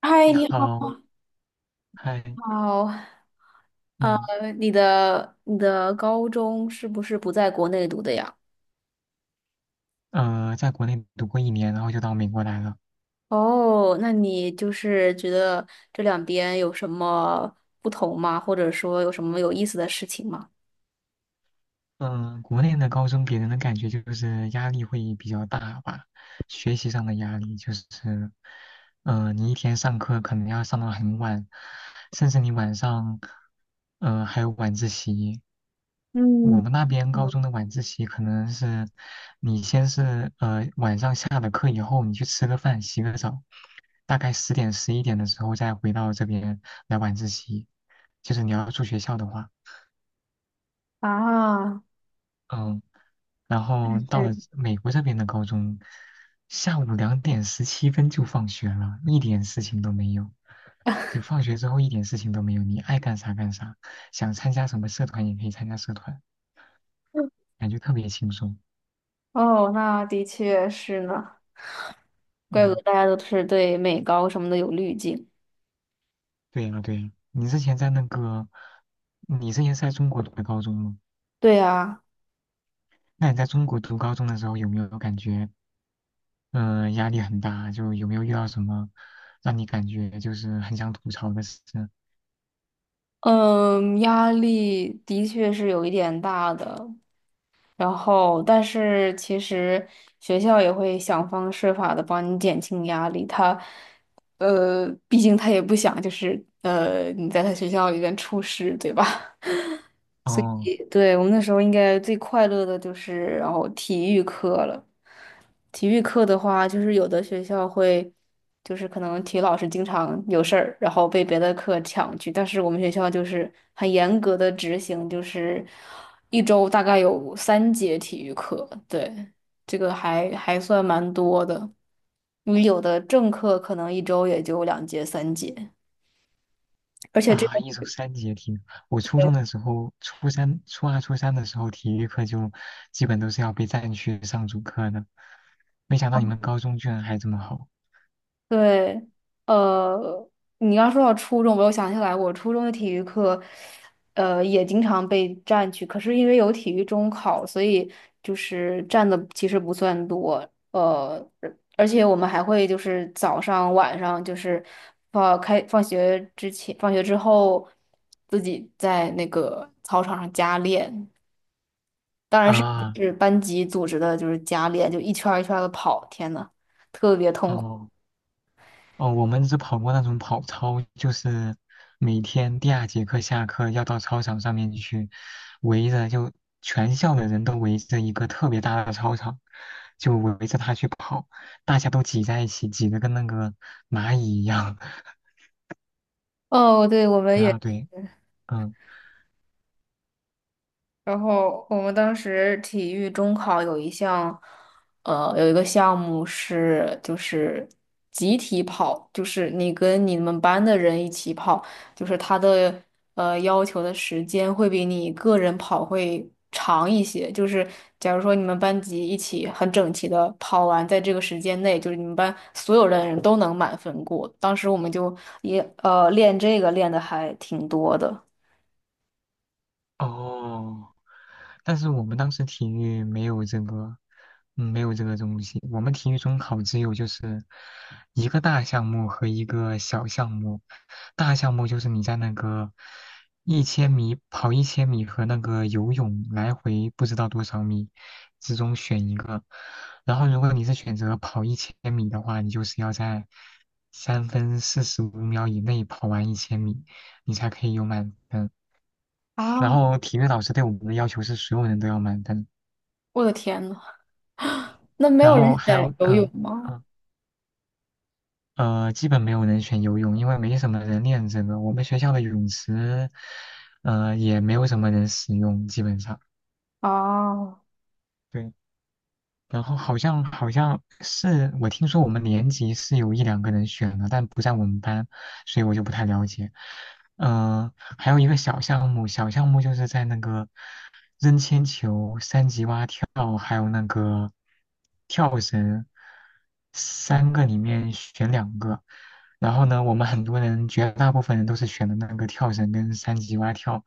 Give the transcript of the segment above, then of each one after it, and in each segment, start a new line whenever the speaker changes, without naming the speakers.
嗨，
你
你
好，
好。
嗨，
好。
嗯，
你的高中是不是不在国内读的呀？
在国内读过一年，然后就到美国来了。
哦，那你就是觉得这两边有什么不同吗？或者说有什么有意思的事情吗？
嗯，国内的高中给人的感觉就是压力会比较大吧，学习上的压力就是，嗯，你一天上课可能要上到很晚，甚至你晚上，还有晚自习。我
嗯，
们那边高
有
中的晚自习可能是，你先是晚上下了课以后，你去吃个饭、洗个澡，大概10点11点的时候再回到这边来晚自习，就是你要住学校的话。
啊，
嗯，然后到了
是。
美国这边的高中，下午2点17分就放学了，一点事情都没有。就放学之后一点事情都没有，你爱干啥干啥，想参加什么社团也可以参加社团，感觉特别轻松。
哦，那的确是呢，怪不
嗯，
得大家都是对美高什么的有滤镜。
对呀对呀。你之前是在中国读的高中吗？
对啊。
那你在中国读高中的时候有没有感觉，嗯、压力很大？就有没有遇到什么让你感觉就是很想吐槽的事？
嗯，压力的确是有一点大的，然后，但是其实学校也会想方设法的帮你减轻压力。他，毕竟他也不想就是你在他学校里边出事，对吧？
哦，
对，我们那时候应该最快乐的就是然后体育课了。体育课的话，就是有的学校会，就是可能体育老师经常有事儿，然后被别的课抢去。但是我们学校就是很严格的执行，就是一周大概有三节体育课。对，这个还算蛮多的。因为有的正课可能一周也就两节、三节，而且这。
啊，一周三节体育。我初中的时候，初三、初二、初三的时候，体育课就基本都是要被占去上主课的。没想到你们高中居然还这么好
对。呃，你刚说到初中，我又想起来，我初中的体育课，也经常被占去。可是因为有体育中考，所以就是占的其实不算多。而且我们还会就是早上、晚上，就是放学之前、放学之后，自己在那个操场上加练。当然是
啊！
是班级组织的，就是加练，就一圈儿一圈的跑。天呐，特别痛苦。
哦哦，我们只跑过那种跑操，就是每天第二节课下课要到操场上面去，围着就全校的人都围着一个特别大的操场，就围着他去跑，大家都挤在一起，挤得跟那个蚂蚁一样。
哦，对，我们
然
也。
后对。嗯。
然后我们当时体育中考有一项，有一个项目是就是集体跑，就是你跟你们班的人一起跑，就是他的要求的时间会比你个人跑会长一些。就是假如说你们班级一起很整齐的跑完，在这个时间内，就是你们班所有的人都能满分过。当时我们就也练这个练的还挺多的。
哦，但是我们当时体育没有这个，嗯，没有这个东西。我们体育中考只有就是一个大项目和一个小项目。大项目就是你在那个一千米跑一千米和那个游泳来回不知道多少米之中选一个。然后如果你是选择跑一千米的话，你就是要在三分四十五秒以内跑完一千米，你才可以有满分。然
啊，
后体育老师对我们的要求是所有人都要满分，
我的天呐！那没
然
有人
后还
选
有
游泳吗？
嗯基本没有人选游泳，因为没什么人练这个。我们学校的泳池，也没有什么人使用，基本上。
哦。
对。然后好像是我听说我们年级是有一两个人选的，但不在我们班，所以我就不太了解。嗯、还有一个小项目，小项目就是在那个扔铅球、三级蛙跳，还有那个跳绳，三个里面选两个。然后呢，我们很多人，绝大部分人都是选的那个跳绳跟三级蛙跳。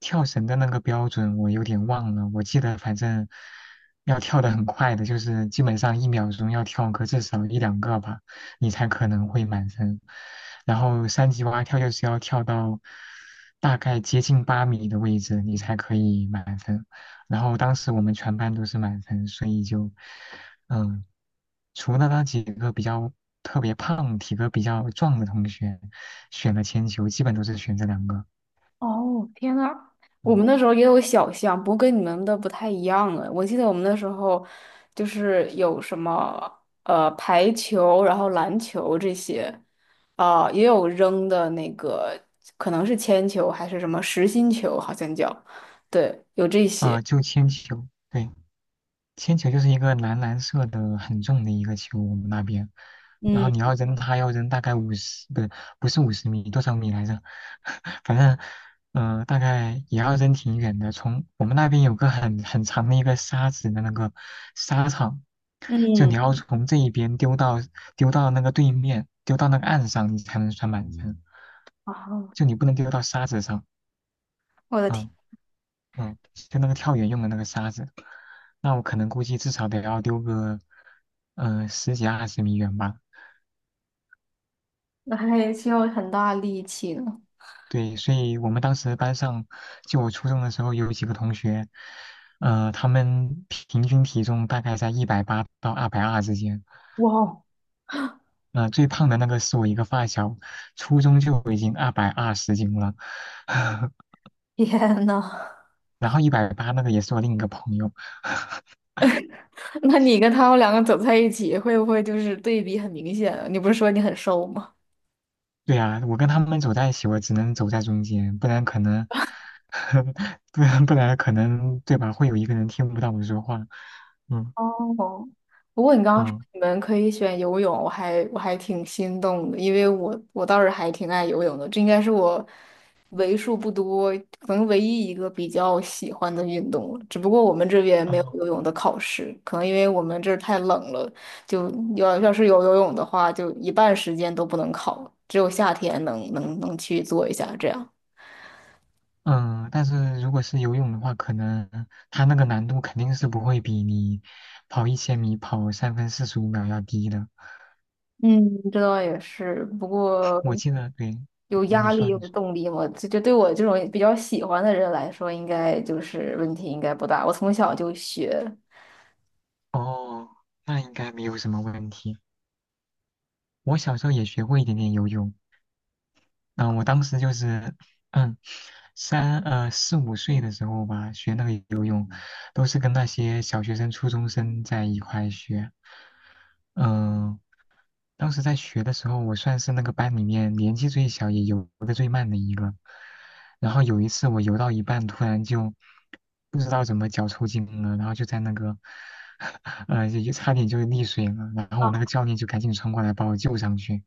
跳绳的那个标准我有点忘了，我记得反正要跳的很快的，就是基本上1秒钟要跳个至少一两个吧，你才可能会满分。然后三级蛙跳就是要跳到大概接近8米的位置，你才可以满分。然后当时我们全班都是满分，所以就嗯、呃除了那几个比较特别胖、体格比较壮的同学选了铅球，基本都是选这两个。
哦，天呐，我们
嗯，
那时候也有小项，不过跟你们的不太一样了。我记得我们那时候就是有什么排球，然后篮球这些，啊、也有扔的那个，可能是铅球还是什么实心球，好像叫，对，有这些。
啊、就铅球，对，铅球就是一个蓝蓝色的很重的一个球，我们那边，然后
嗯
你要扔它，要扔大概五十，不是50米，多少米来着？反正，大概也要扔挺远的。从我们那边有个很长的一个沙子的那个沙场，就你
嗯。
要从这一边丢到那个对面，丢到那个岸上，你才能算满分，
啊，
就你不能丢到沙子上。
我的天。
啊。嗯，就那个跳远用的那个沙子，那我可能估计至少得要丢个，十几二十米远吧。
那还需要很大力气呢。
对，所以我们当时班上，就我初中的时候有几个同学，他们平均体重大概在一百八到二百二之间。
哇哦，
最胖的那个是我一个发小，初中就已经220斤了，
天呐！
然后一百八那个也是我另一个朋友。
那你跟他们两个走在一起，会不会就是对比很明显啊？你不是说你很瘦吗？
对呀，我跟他们走在一起，我只能走在中间，不然可能，不然可能，对吧？会有一个人听不到我说话。嗯
哦，不过你刚刚说
嗯
你们可以选游泳，我还挺心动的，因为我倒是还挺爱游泳的，这应该是我为数不多，可能唯一一个比较喜欢的运动了。只不过我们这边没有
嗯
游泳的考试，可能因为我们这儿太冷了，就要是有游泳的话，就一半时间都不能考，只有夏天能去做一下这样。
嗯，但是如果是游泳的话，可能他那个难度肯定是不会比你跑一千米跑三分四十五秒要低的。
嗯，这倒也是，不过
我记得，对，
有
啊你
压力
说
有
你说，
动力嘛，这对我这种比较喜欢的人来说，应该就是问题应该不大。我从小就学。
哦，那应该没有什么问题。我小时候也学过一点点游泳，嗯，我当时就是。嗯。4、5岁的时候吧，学那个游泳，都是跟那些小学生、初中生在一块学。嗯、当时在学的时候，我算是那个班里面年纪最小，也游得最慢的一个。然后有一次我游到一半，突然就不知道怎么脚抽筋了，然后就在那个，就差点就溺水了。然后我那个教练就赶紧冲过来把我救上去。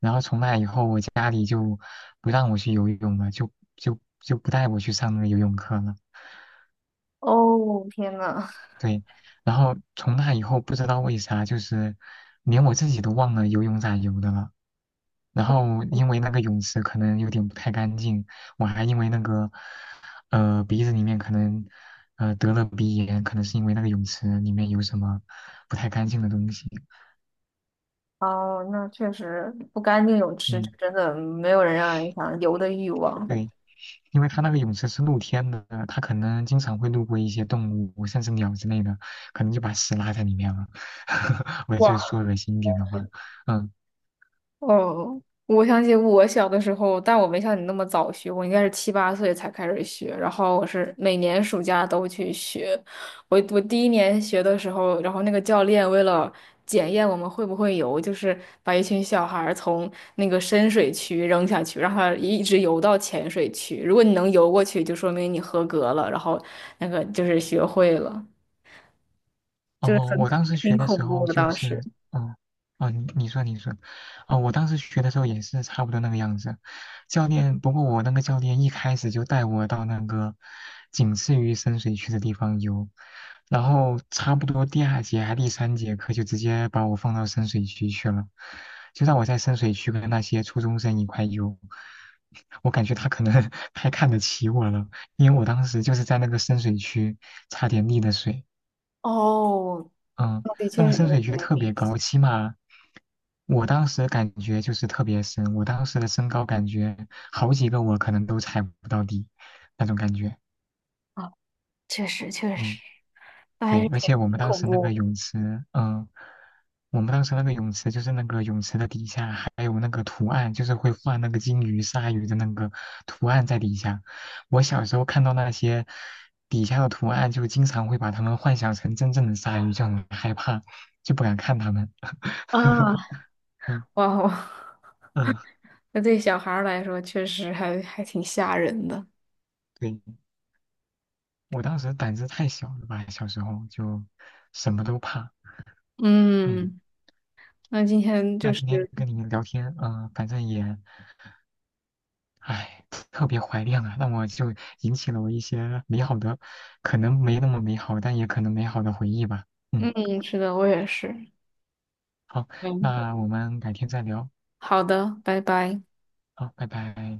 然后从那以后，我家里就不让我去游泳了，就不带我去上那个游泳课了。
哦，天呐。
对，然后从那以后不知道为啥，就是连我自己都忘了游泳咋游的了。然后因为那个泳池可能有点不太干净，我还因为那个鼻子里面可能得了鼻炎，可能是因为那个泳池里面有什么不太干净的东西。
哦，那确实不干净泳池，
嗯，
真的没有人让人想游的欲望。
对，因为它那个泳池是露天的，它可能经常会路过一些动物，甚至鸟之类的，可能就把屎拉在里面了。我就
哇。
说恶心一点的话，嗯。
哦，我想起我小的时候，但我没像你那么早学，我应该是七八岁才开始学，然后我是每年暑假都去学。我第一年学的时候，然后那个教练为了检验我们会不会游，就是把一群小孩儿从那个深水区扔下去，让他一直游到浅水区。如果你能游过去，就说明你合格了，然后那个就是学会了，就是
哦，
很
我当时
挺
学的时
恐怖
候
的
就
当
是，
时。
嗯，啊，你说你说，啊，我当时学的时候也是差不多那个样子。不过我那个教练一开始就带我到那个仅次于深水区的地方游，然后差不多第二节还第三节课就直接把我放到深水区去了，就让我在深水区跟那些初中生一块游。我感觉他可能 太看得起我了，因为我当时就是在那个深水区差点溺的水。
哦，
嗯，
的
那
确
个深
是。
水区特别高，起码我当时感觉就是特别深，我当时的身高感觉好几个我可能都踩不到底那种感觉。
确实。
嗯，
那还
对，
是
而
挺
且
挺恐怖。
我们当时那个泳池就是那个泳池的底下还有那个图案，就是会画那个金鱼、鲨鱼的那个图案在底下。我小时候看到那些底下的图案，就经常会把它们幻想成真正的鲨鱼，就很害怕，就不敢看它们。
啊。
嗯
哇哦，
嗯，
那对小孩儿来说确实还挺吓人的。
对，我当时胆子太小了吧，小时候就什么都怕。嗯，
嗯，那今天就
那
是，
今天跟你们聊天，反正也，哎，特别怀念啊，那我就引起了我一些美好的，可能没那么美好，但也可能美好的回忆吧。嗯，
嗯，是的，我也是。
好，
嗯。
那我们改天再聊。
好的，拜拜。
好，拜拜。